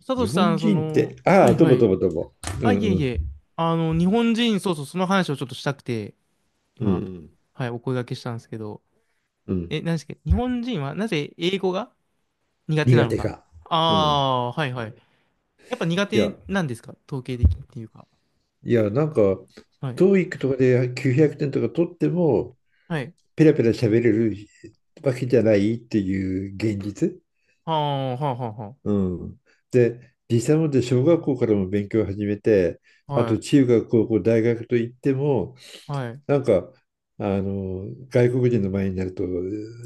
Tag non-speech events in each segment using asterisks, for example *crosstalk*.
サト日シさ本ん、人って、はああ、いとはぼとい。ぼとぼ。うあ、んいえういん。え。日本人、そうそう、その話をちょっとしたくて、うんう今、ん。はい、お声掛けしたんですけど、うん、何ですか、日本人はなぜ英語が苦手苦なの手か。か。うん。ああー、はいはい。やっぱ苦いや、手なんですか、統計的にっていうか。いや、はい。トーイックとかで900点とか取っても、はい。ペラペラ喋れるわけじゃないっていう現実。はあ、はあ、はうん。で、実際もで小学校からも勉強を始めて、あ、あとは中学、高校、大学といっても、あ。はい。はい。うなんか、外国人の前になると、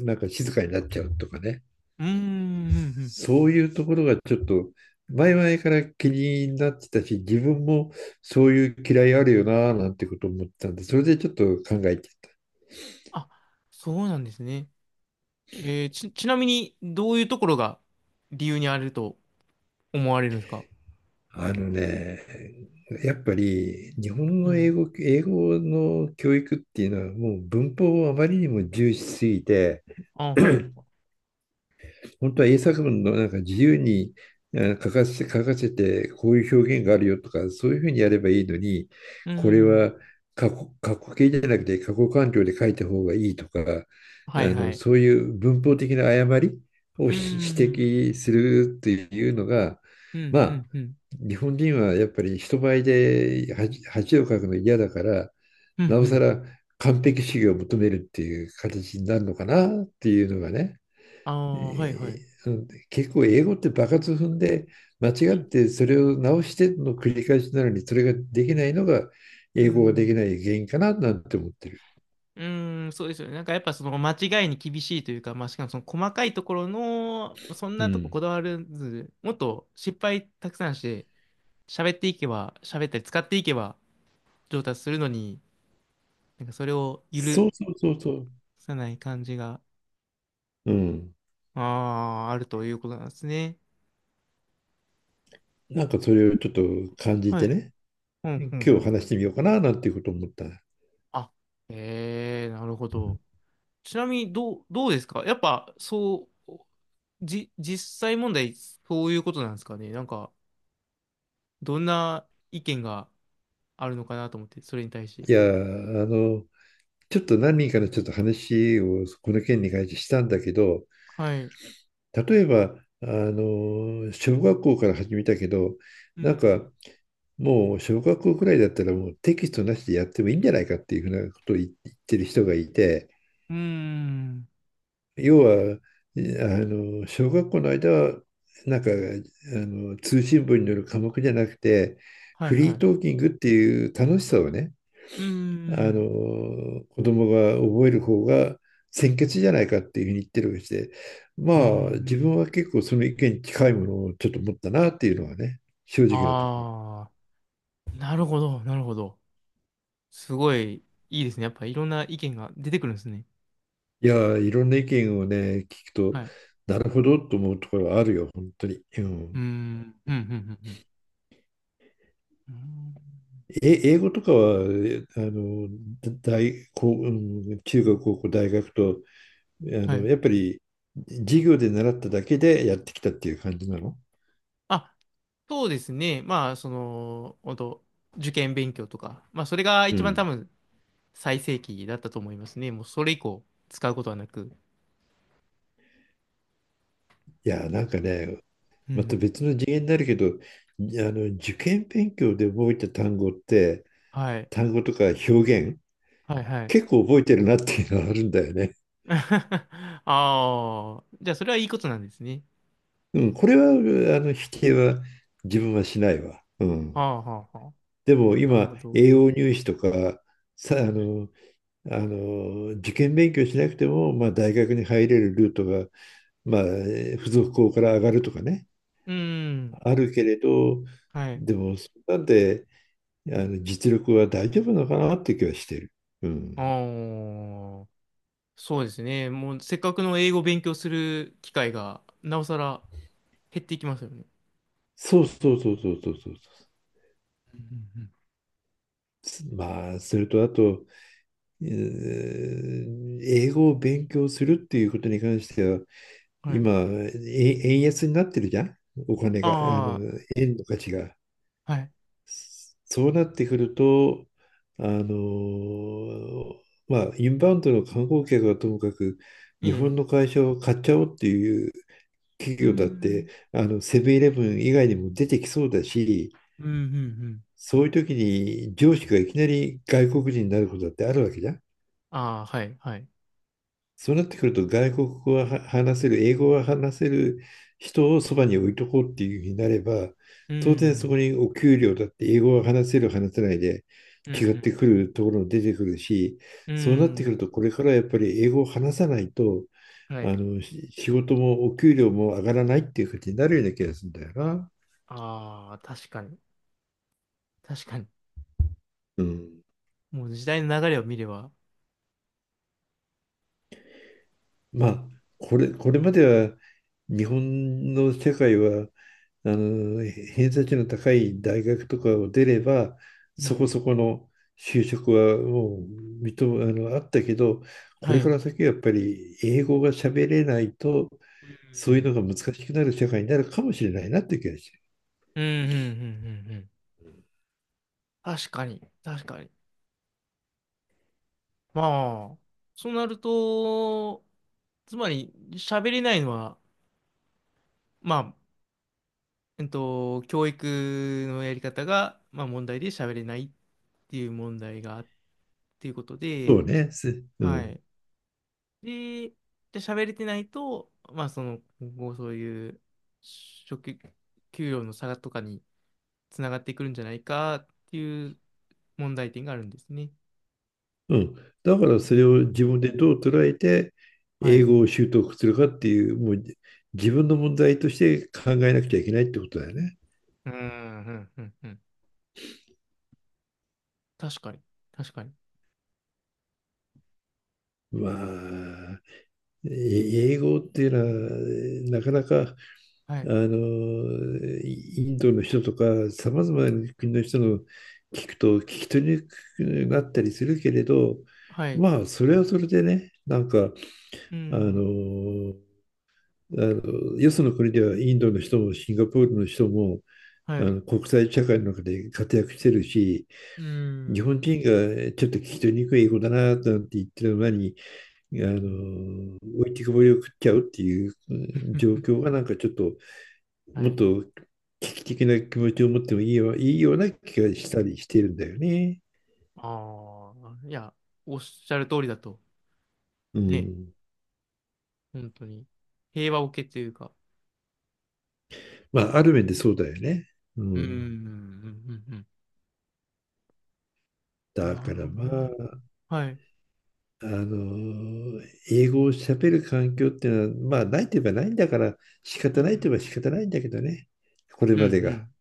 なんか静かになっちゃうとかね。ーん、うんうん。そういうところがちょっと前々から気になってたし、自分もそういう嫌いあるよななんてこと思ってたんで、それでちょっと考えてあ、そうなんですね。ちなみに、どういうところが理由にあると思われるんですか？た。あのね、やっぱり日本うの英ん。語、英語の教育っていうのはもう文法をあまりにも重視しすぎて、あ、はい。*coughs* 本当は英作文のなんか自由に書かせて、こういう表現があるよとか、そういうふうにやればいいのに、うこれん。は過去形じゃなくて過去完了で書いた方がいいとか、はいはい。そういう文法的な誤りをうー指ん。摘するっていうのが、うん、まうあ、ん、うん。日本人はやっぱり人前で恥をかくの嫌だから、うん、なうおさん。ら完璧主義を求めるっていう形になるのかなっていうのがね。あえあ、はいはい。ー結構英語って場数踏んで間う違っん、てそれを直しての繰り返しなのにそれができないのがう英語ができん。ない原因かななんて思ってる。うーん、そうですよね。なんかやっぱその間違いに厳しいというか、まあしかもその細かいところの、そんうなとこん。こだわらず、もっと失敗たくさんして、喋っていけば、喋ったり使っていけば上達するのに、なんかそれを許そうそうそうそさない感じが、う。うん。ああ、あるということなんですね。なんかそれをちょっと感じはてい。ね、うん、うん、う今日ん、う話してん。みようかななんていうことを思った。いあ、ええー、なるほど。ちなみにどうですかやっぱ、そう、実際問題、そういうことなんですかねなんか、どんな意見があるのかなと思って、それに対して。やー、ちょっと何人かのちょっと話をこの件に関してしたんだけど、はい。例えば、小学校から始めたけど、うなんん。かもう小学校くらいだったらもうテキストなしでやってもいいんじゃないかっていうふうなことを言ってる人がいて、うーん。要は、小学校の間は、なんか、あ通信簿による科目じゃなくて、はいフはい。リーうトーキングっていう楽しさをね、ーん。子供が覚える方がう先ん。決じゃないかっていうふうに言ってるわけで、まうあ、自ん。分は結構その意見に近いものをちょっと持ったなっていうのはね、正直なところ。ああー、なるほど、なるほど。すごい、いいですね。やっぱ、いろんな意見が出てくるんですね。いやー、いろんな意見をね、聞くと、はい。なるほどと思うところはあるよ、本当に。ううーん。ん。うん、うん、うん、うん。うーん、英語とかは、えあの、大、こう、う中学、高校、大学と、はい。やっぱり授業で習っただけでやってきたっていう感じなの。あ、そうですね。まあ、その、本当受験勉強とか、まあ、それがう一番多ん。分最盛期だったと思いますね。もうそれ以降使うことはなく。いやー、なんかね、うまたん。別の次元になるけど、受験勉強で覚えた単語って、はい。単語とか表現、はいはい。結構覚えてるなっていうのはあるんだよね。*laughs* ああ、じゃあそれはいいことなんですね。うん、これは、否定は自分はしないわ。うはん。あはあはあ。でもなるほ今、ど。栄養入試とか、さ、あの、受験勉強しなくても、まあ、大学に入れるルートが、まあ、付属校から上がるとかね、うん。あるけれど、はい。でも、そんなんで、実力は大丈夫なのかなって気はしてる。うあん。あ、そうですね。もうせっかくの英語を勉強する機会が、なおさら減っていきますよね。そうそうそうそうそうそう。うんうんまあ、それとあと、英語を勉強するっていうことに関しては、うん、はい。今、円安になってるじゃん、お金が、あ円の価値が。あ、はい。そうなってくると、あの、まあ、インバウンドの観光客はともかく、え日本え。の会社を買っちゃおうっていう企う業だって、ん。セブンイレブン以外にも出てきそうだし、うん、うん、うん。そういう時に上司がいきなり外国人になることだってあるわけじゃん。ああ、はい、はい。そうなってくると外国語は話せる、英語は話せる人をそばに置いとこうっていうふうになれば、う当然そん、こにお給料だって英語は話せる、話せないでうん、う違ってん。くるところも出てくるし、うそうなってくるん、とこれからやっぱり英語を話さないと、はい。仕事もお給料も上がらないっていう感じになるような気がするんだよな。ああ、確かに。確かに。うん。もう時代の流れを見れば。まあ、これまでは日本の世界は偏差値の高い大学とかを出れば、うそこん。そこの就職はもうあったけど、こはれかい。ら先はやっぱり英語が喋れないと、うそういうん、のが難しくなる社会になるかもしれないなって気がして。うん、うん、うん、うん。うん、確かに。確かに。まあ、そうなると、つまり、喋れないのは、まあ、えっと、教育のやり方が、まあ、問題で喋れないっていう問題があっていうことそで、うね。すうはん。い。で、で喋れてないと、まあ、その、今後そういう職、給料の差とかにつながってくるんじゃないかっていう問題点があるんですね。うん。だからそうれをん。自分でどう捉えて、は英い。語を習得するかっていう、もう自分の問題として考えなくちゃいけないってことだよね。うん、うん、うん、うん。確かに。確かに。まあ、英語っていうのは、なかなか、はあい。の、インドの人とか、さまざまな国の人の聞くと、聞き取りにくくなったりするけれど、はい。まあ、それはそれでね、うあん。の、よその国ではインドの人もシンガポールの人も、はい。国際社会の中で活躍してるし、う日ん。本人がちょっと聞き取りにくい英語だな、なんて言ってるのに、うん、*laughs* うん。置いてくぼりを食っちゃうっていう状 *laughs* 況がなんかちょっと、はもっい。と危機的な気持ちを持ってもいいよ、いいような気がしたりしてるんだよね。ああ、いや、おっしゃる通りだと。うね、ん。本当に。平和を受けというか。まあ、ある面でそうだよね。ううん、うん、うん、ん。うん。うん、なだかるらほどまな。あ、はい。あの、英語を喋る環境っていうのは、まあ、ないといえばないんだから、仕う方ないといん。えば仕方ないんだけどね。こうれん、うまでが。ん。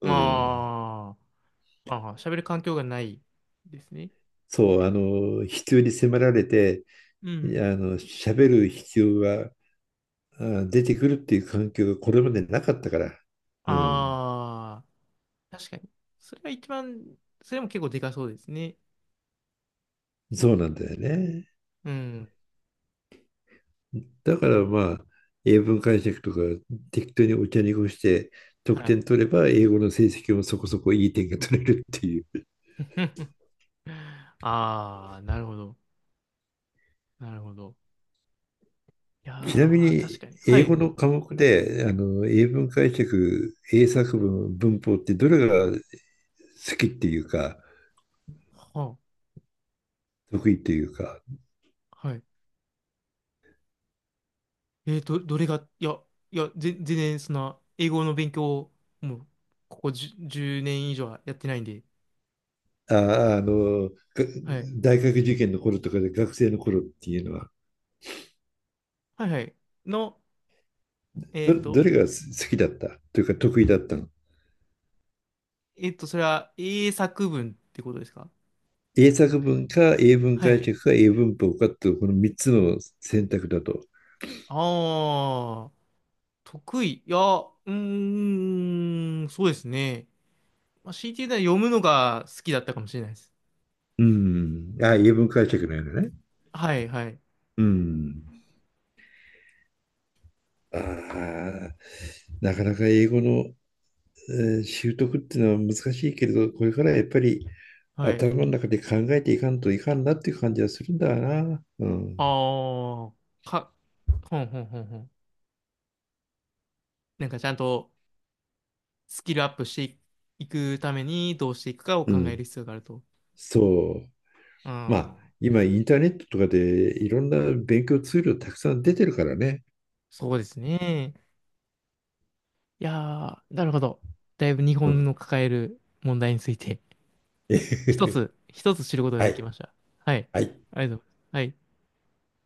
うん。まあ、ああ、喋る環境がないですね。そう、必要に迫られて、うん。喋る必要が出てくるっていう環境がこれまでなかったから、うん、ああ、確かに。それは一番、それも結構でかそうですね。そうなんだよね。うん。だからまあ、英文解釈とか適当にお茶に濁して得はい。点取れば、英語の成績もそこそこいい点が取れるっていう。ああ、なるほど。なるほど。いや *laughs* ちなみー、確に、かに。は英語い。の科目で、英文解釈、英作文、文法ってどれが好きっていうか、は得意っていうか、あ、はい。どれが、いや、いや、全然、その、英語の勉強を、もう、ここ10、年以上はやってないんで。あ、あの、がはい。大学受験の頃とかで学生の頃っていうのは、はいはい。の、えっどと、れが好きだったというか得意だったの。えっと、それは英作文ってことですか？英作文か英文は解い。釈か英文法かっていうこの3つの選択だと。ああ、得意。いや、うーん、そうですね。まあ、強いて言うなら読むのが好きだったかもしれないです。うん。あ、英文解釈なのね。はい、はい、うん。ああ、なかなか英語の、習得っていうのは難しいけれど、これからやっぱりはい。頭の中で考えていかんといかんなっていう感じはするんだな。うん。ああ、か、ほんほんほんほん。なんかちゃんとスキルアップしていくためにどうしていくかをう考えるん。必要があると。そう。うまあ、ん、今インターネットとかでいろんな勉強ツールたくさん出てるからね。そうですね。いやー、なるほど。だいぶ日う本ん。 の抱える問題について一 *laughs* つ、一つ知ることがはできい。ました。はい。はい。ありがとうございます。はい。